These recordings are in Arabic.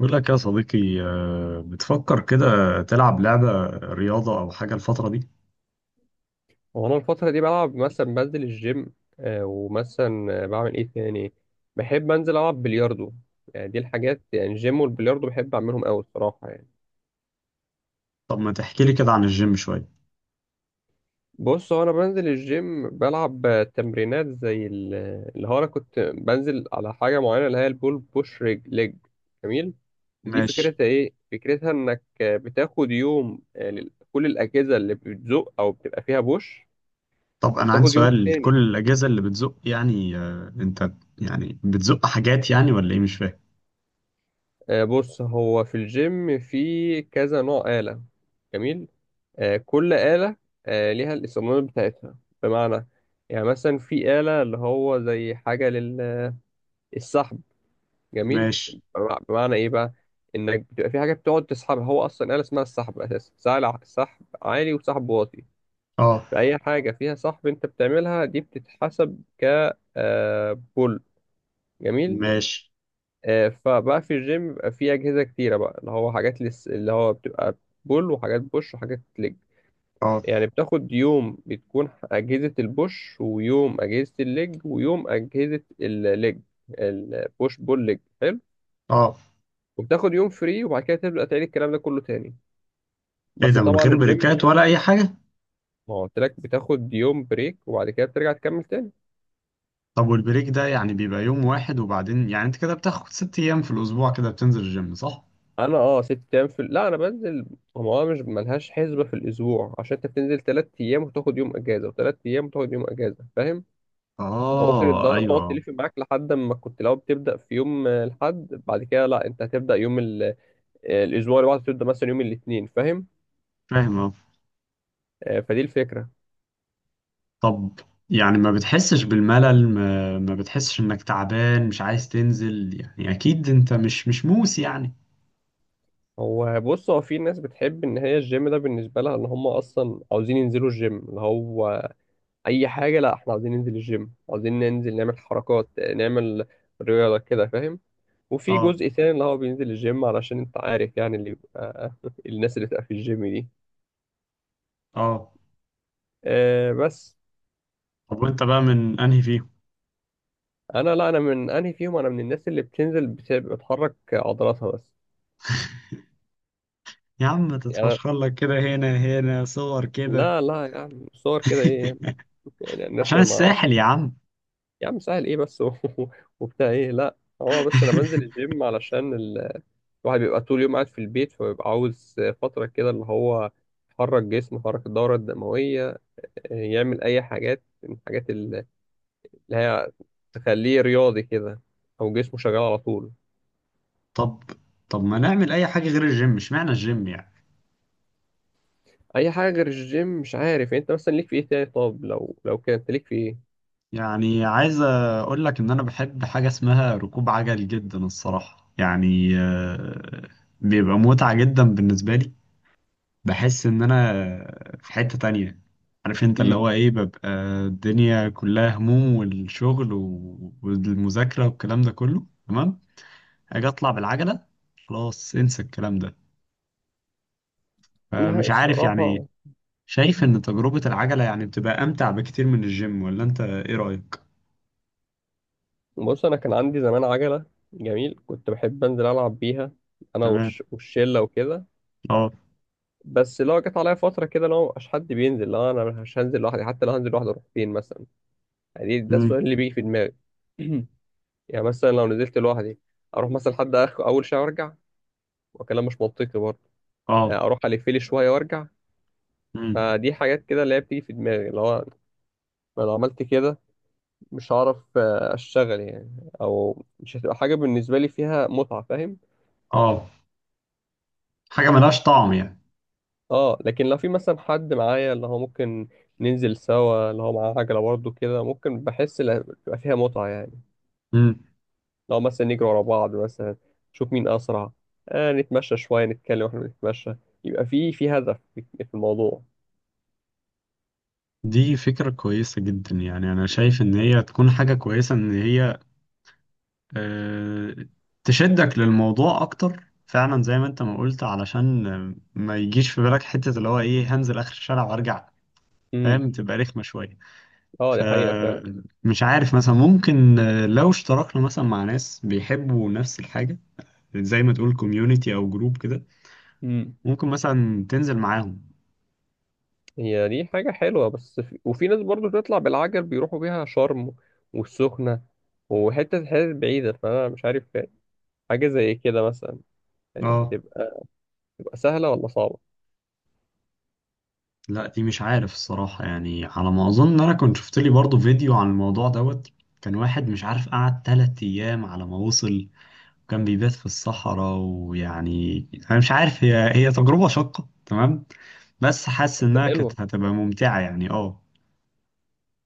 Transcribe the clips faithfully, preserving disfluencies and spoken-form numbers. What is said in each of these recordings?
بقول لك يا صديقي آه، بتفكر كده تلعب لعبة رياضة أو حاجة الفترة دي؟ وانا الفترة دي بلعب مثلا بنزل الجيم، آه، ومثلا آه، بعمل ايه تاني. بحب انزل العب بلياردو. يعني دي الحاجات، يعني الجيم والبلياردو بحب اعملهم قوي الصراحة يعني. طب ما تحكي لي كده عن الجيم شوية. بص هو انا بنزل الجيم بلعب آه، تمرينات زي ال- اللي هو انا كنت بنزل على حاجة معينة اللي هي البول بوش ريج ليج. جميل. دي ماشي. فكرتها ايه؟ فكرتها انك آه، بتاخد يوم، آه، لل- كل الاجهزة اللي بتزق او بتبقى فيها بوش، طب أنا عندي وبتاخد يوم سؤال، كل تاني. الأجهزة اللي بتزق يعني آه، أنت يعني بتزق حاجات يعني ولا إيه مش فاهم؟ آه، بص هو في الجيم في كذا نوع آلة. جميل. آه، كل آلة آه، ليها الاستخدامات بتاعتها. بمعنى يعني مثلا في آلة اللي هو زي حاجة للسحب. جميل. ماشي. بمع- بمعنى إيه بقى، إنك بتبقى في حاجة بتقعد تسحبها، هو أصلا آلة اسمها السحب أساسا، سهل سحب عالي وسحب واطي. أه. فأي حاجة فيها سحب أنت بتعملها دي بتتحسب ك آه، بول. جميل. ماشي. آه، فبقى في الجيم بيبقى في أجهزة كتيرة بقى، اللي هو حاجات لس... اللي هو بتبقى بول، وحاجات بوش، وحاجات ليج. أه. يعني بتاخد يوم بتكون أجهزة البوش، ويوم أجهزة الليج، ويوم أجهزة الليج البوش بول ليج، حلو. أه. وبتاخد يوم فري، وبعد كده تبدأ تعيد الكلام ده كله تاني. إيه بس ده من طبعا غير الجيم، بريكات ولا أي حاجة؟ ما هو قلت لك بتاخد يوم بريك وبعد كده بترجع تكمل تاني. طب والبريك ده يعني بيبقى يوم واحد وبعدين يعني أنت كده بتاخد ست أيام في الأسبوع كده بتنزل الجيم صح؟ انا اه ست ايام في، لا انا بنزل، هو أنا مش ملهاش حسبه في الاسبوع، عشان انت بتنزل تلات ايام وتاخد يوم اجازه، وتلات ايام وتاخد يوم اجازه، فاهم؟ فممكن أه الدوره تقعد أيوه. تلف معاك لحد ما، كنت لو بتبدا في يوم آه، الحد، بعد كده لا انت هتبدا يوم ال... آه، الاسبوع اللي بعده تبدا مثلا يوم الاثنين، فاهم؟ فاهم آه. آه، فدي الفكره. طب يعني ما بتحسش بالملل، ما, ما بتحسش انك تعبان مش عايز تنزل يعني اكيد انت مش مش موس يعني. هو بص هو في ناس بتحب ان هي الجيم ده بالنسبه لها، ان هم اصلا عاوزين ينزلوا الجيم اللي هو اي حاجه، لا احنا عاوزين ننزل الجيم، عاوزين ننزل نعمل حركات آه، نعمل رياضه كده، فاهم؟ وفي اه. جزء تاني اللي هو بينزل الجيم علشان انت عارف يعني اللي بيبقى الناس اللي بتبقى في الجيم دي اه. آه بس. طب وانت بقى من انهي فيهم؟ انا لا، انا من انهي فيهم؟ انا من الناس اللي بتنزل بت- بتحرك عضلاتها بس. يا عم ما يعني أنا- تتفشخر لك كده، هنا هنا صور كده. لا لا يعني صور كده ايه يعني. يعني الناس عشان ما ما- الساحل يا عم. يا عم سهل ايه بس و- وبتاع ايه، لا هو بس انا بنزل الجيم علشان ال... الواحد بيبقى طول اليوم قاعد في البيت، فبيبقى عاوز فترة كده اللي هو يحرك جسمه، يحرك الدورة الدموية، آه، يعمل اي حاجات من الحاجات اللي هي تخليه رياضي كده، او جسمه شغال على طول. طب طب ما نعمل اي حاجة غير الجيم، اشمعنى الجيم يعني؟ اي حاجه غير الجيم، مش عارف يعني، انت مثلا ليك في ايه تاني؟ طب لو لو كده انت ليك في ايه؟ يعني عايز اقول لك ان انا بحب حاجة اسمها ركوب عجل جدا الصراحة يعني. آه، بيبقى متعة جدا بالنسبة لي. بحس ان انا في حتة تانية. عارف انت اللي امم. هو ايه ببقى الدنيا كلها هموم والشغل و- والمذاكرة والكلام ده كله، تمام؟ اجي اطلع بالعجلة، خلاص انسى الكلام ده. آه، لا مش عارف يعني ايه. الصراحه، شايف ان تجربة العجلة يعني بتبقى امتع بكتير من الجيم، ولا انت ايه رأيك؟ بص انا كان عندي زمان عجله، جميل، كنت بحب انزل العب بيها انا تمام. والش... والشله وكده. اه. بس لو جت عليا فتره كده لو مبقاش حد بينزل، لا انا مش هنزل لوحدي، حتى لو هنزل لوحدي اروح فين مثلا؟ يعني ده مم. السؤال اللي بيجي في دماغي. يعني مثلا لو نزلت لوحدي، اروح مثلا لحد اخر اول شارع وارجع؟ وكلام مش منطقي برضه، اه. اروح الف لي شويه وارجع؟ مم. فدي حاجات كده اللي هي بتيجي في دماغي، اللي هو أنا لو عملت كده مش هعرف آه، اشتغل يعني، او مش هتبقى حاجه بالنسبه لي فيها متعه، فاهم؟ اه. حاجة ملهاش طعم يعني. اه لكن لو في مثلا حد معايا اللي هو ممكن ننزل سوا، اللي هو معاه عجله برضه كده، ممكن بحس إن بتبقى فيها متعه يعني. مم. لو مثلا نجري ورا بعض مثلا، نشوف مين اسرع، آه نتمشى شويه نتكلم واحنا بنتمشى، يبقى في في هدف في في الموضوع. دي فكرة كويسة جدا، يعني أنا شايف إن هي تكون حاجة كويسة، إن هي آه، تشدك للموضوع اكتر فعلا زي ما انت ما قلت، علشان آه، ما يجيش في بالك حتة اللي هو ايه، هنزل اخر الشارع وارجع، امم. فاهم؟ تبقى رخمة شوية. اه دي حقيقه فمش عارف مثلا، ممكن آه، لو اشتركنا مثلا مع ناس بيحبوا نفس الحاجة، زي ما تقول كوميونيتي او جروب كده، فعلا. ممكن مثلا تنزل معاهم. هي دي حاجة حلوة، بس في... وفي ناس برضو بتطلع بالعجل بيروحوا بيها شرم والسخنة وحتة حتت بعيدة، فأنا مش عارف حاجة زي كده مثلا يعني اه. هتبقى هتبقى سهلة ولا صعبة. لا دي مش عارف الصراحة يعني، على ما اظن انا كنت شفت لي برضو فيديو عن الموضوع دوت. كان واحد مش عارف قعد تلات ايام على ما وصل، كان بيبات في الصحراء ويعني انا مش عارف، هي هي تجربة شاقة تمام، بس حاسس بس انها كانت حلوة، هتبقى ممتعة يعني اه.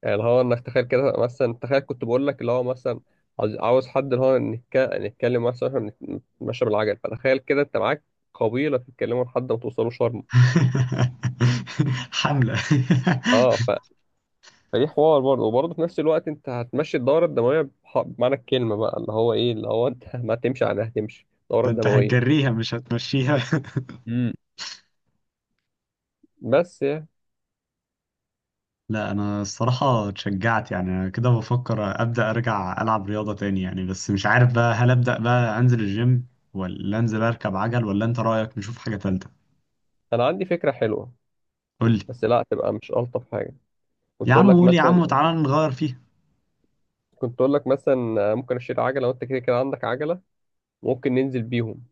يعني اللي هو إنك تخيل كده مثلا، تخيل كنت بقول لك اللي هو مثلا عاوز عاوز حد اللي هو نتك... نتكلم مثلا، إحنا نت- نتمشى بالعجل، فتخيل كده أنت معاك قبيلة تتكلموا لحد ما توصلوا شرم. حملة. اه فدي حوار برضه، وبرضه في نفس الوقت انت هتمشي الدورة الدموية، بح- بمعنى الكلمة بقى، اللي هو ايه اللي هو انت ما تمشي عليها هتمشي الدورة ده انت الدموية. هتجريها مش هتمشيها. امم، بس يعني. لا انا الصراحة اتشجعت يعني، انا كده بفكر ابدأ ارجع العب رياضة تاني يعني، بس مش عارف بقى هل ابدأ بقى انزل الجيم ولا انزل اركب عجل، ولا انت رأيك نشوف حاجة تالتة؟ انا عندي فكرة حلوة، قول لي. بس لا تبقى مش ألطف حاجة. يا كنت اقول عم لك قول يا عم، مثلا، وتعالى نغير فيها. كنت اقول لك مثلا ممكن اشيل عجلة وانت كده كده عندك عجلة، ممكن ننزل بيهم.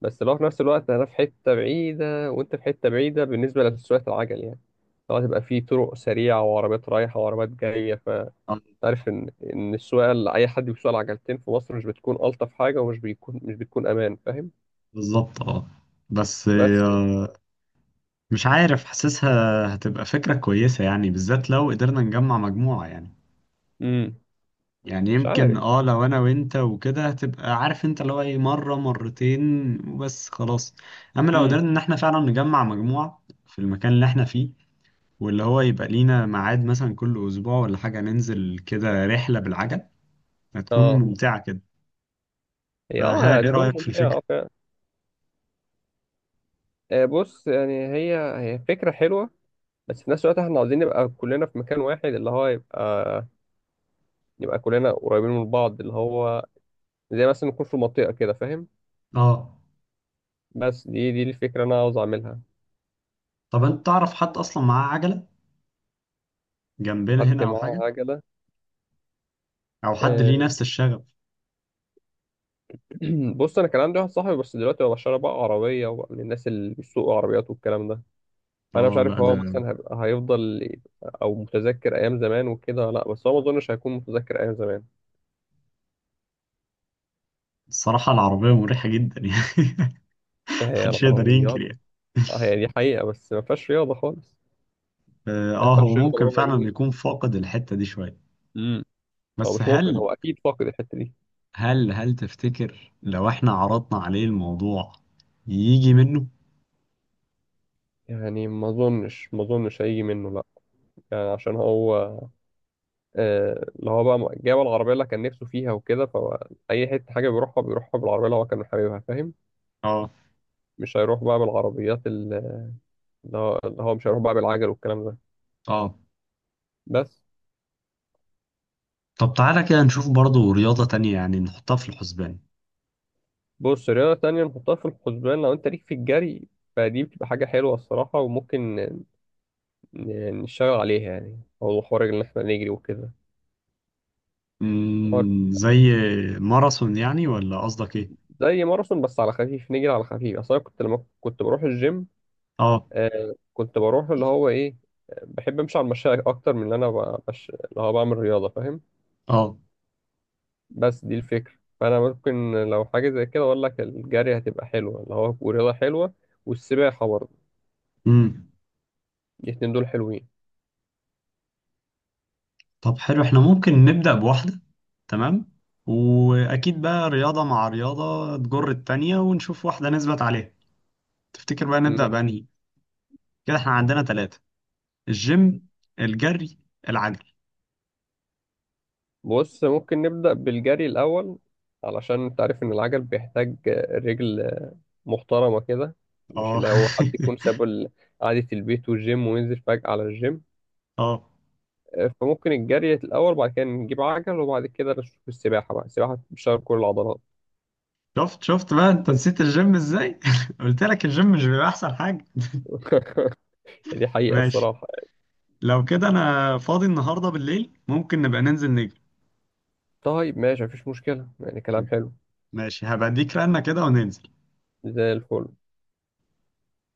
بس لو في نفس الوقت انا في حتة بعيدة وانت في حتة بعيدة بالنسبة لسواقة العجل يعني، لو هتبقى في طرق سريعة وعربيات رايحة وعربيات جاية، آه، تعرف ان ان السواقه اللي اي حد بيسوق العجلتين في مصر مش بتكون الطف حاجه، ومش بيكون مش بتكون امان، فاهم؟ بالظبط اه. بس بس يعني. آه، مش عارف، حاسسها هتبقى فكرة كويسة يعني، بالذات لو قدرنا نجمع مجموعة يعني. امم. يعني مش يمكن عارف. اه، لو انا وانت وكده هتبقى عارف انت، لو اي مرة مرتين وبس خلاص. اما لو امم. قدرنا ان احنا فعلا نجمع مجموعة في المكان اللي احنا فيه، واللي هو يبقى لينا ميعاد مثلا كل اسبوع ولا حاجة، ننزل كده رحلة بالعجل، هتكون اه ممتعة كده. هي اه فها ايه هتكون رأيك في ممتعه الفكرة؟ اه فعلا. آه، بص يعني هي هي فكره حلوه، بس في نفس الوقت احنا عاوزين نبقى كلنا في مكان واحد، اللي هو يبقى يبقى كلنا قريبين من بعض، اللي هو زي مثلا نكون في منطقه كده، فاهم؟ اه. بس دي دي الفكره اللي انا عاوز اعملها. طب انت تعرف حد اصلا معاه عجلة جنبنا حد هنا او حاجة، معاه عجله؟ او حد آه، ليه نفس الشغف؟ بص انا كان عندي واحد صاحبي، بس دلوقتي هو بشتري بقى عربيه، وبقى من الناس اللي بيسوقوا عربيات والكلام ده، فانا مش اه عارف لا هو ده مثلا هيبقى هيفضل او متذكر ايام زمان وكده، لا بس هو ما اظنش هيكون متذكر ايام زمان. الصراحة العربية مريحة جدا يعني. هي محدش يقدر ينكر العربيات، يعني. هي دي حقيقه بس ما فيهاش رياضه خالص، اه. يعني آه، ما هو فيهاش رياضه ممكن بربع فعلا جنيه. يكون فاقد الحتة دي شوية. امم. هو بس مش ممكن، هل، هو اكيد فاقد الحته دي. هل هل تفتكر لو احنا عرضنا عليه الموضوع يجي منه؟ يعني ما اظنش ما اظنش هيجي منه لا. يعني عشان هو آه، اللي هو بقى جاب العربيه اللي كان نفسه فيها وكده، فاي حته حاجه بيروحها بيروحها بالعربيه اللي هو كان حاببها، فاهم؟ اه. مش هيروح بقى بالعربيات ال- اللي هو اللي هو مش هيروح بقى بالعجل والكلام ده، اه. بس. طب تعالى كده نشوف برضو رياضة تانية يعني، نحطها في الحسبان. بص رياضة تانية نحطها في الحسبان، لو انت ليك في الجري فدي بتبقى حاجة حلوة الصراحة، وممكن ن- ن- نشتغل عليها، يعني هو حوار ان احنا نجري وكده، حوار. مم، زي ماراثون يعني ولا قصدك ايه؟ زي ماراثون، بس على خفيف نجري على خفيف، اصل انا كنت لما كنت بروح الجيم، اه. آه كنت بروح اللي هو ايه، بحب امشي على المشاية اكتر من اللي انا ب- بش... اللي هو بعمل رياضة، فاهم؟ اه. بس دي الفكرة. فأنا ممكن لو حاجة زي كده أقول لك الجري هتبقى حلوة، اللي هو ورياضة حلوة، والسباحة برضه. مم. الاتنين دول حلوين. طب حلو، احنا ممكن نبدأ بواحدة. تمام. وأكيد بقى رياضة مع رياضة تجر التانية، ونشوف واحدة نثبت عليها. تفتكر بقى نبدأ م- بأنهي؟ كده احنا عندنا ثلاثة: الجيم، الجري، العجل. بص ممكن نبدأ بالجري الأول، علشان أنت عارف إن العجل بيحتاج رجل محترمة كده، مش اه. اللي هو حد يكون ساب ال- قعدة البيت والجيم وينزل فجأة على الجيم. اه. فممكن الجري الأول، بعد كده نجيب عجل، وبعد كده نشوف السباحة بقى، السباحة بتشغل كل العضلات. شفت شفت بقى انت نسيت الجيم ازاي. قلت لك الجيم مش بيبقى أحسن حاجة. دي حقيقة ماشي. الصراحة. لو كده أنا فاضي النهاردة بالليل، ممكن نبقى ننزل نجري. طيب ماشي، مفيش مشكلة يعني، كلام حلو. ماشي، هبقى اديك رنة كده وننزل. زي الفل.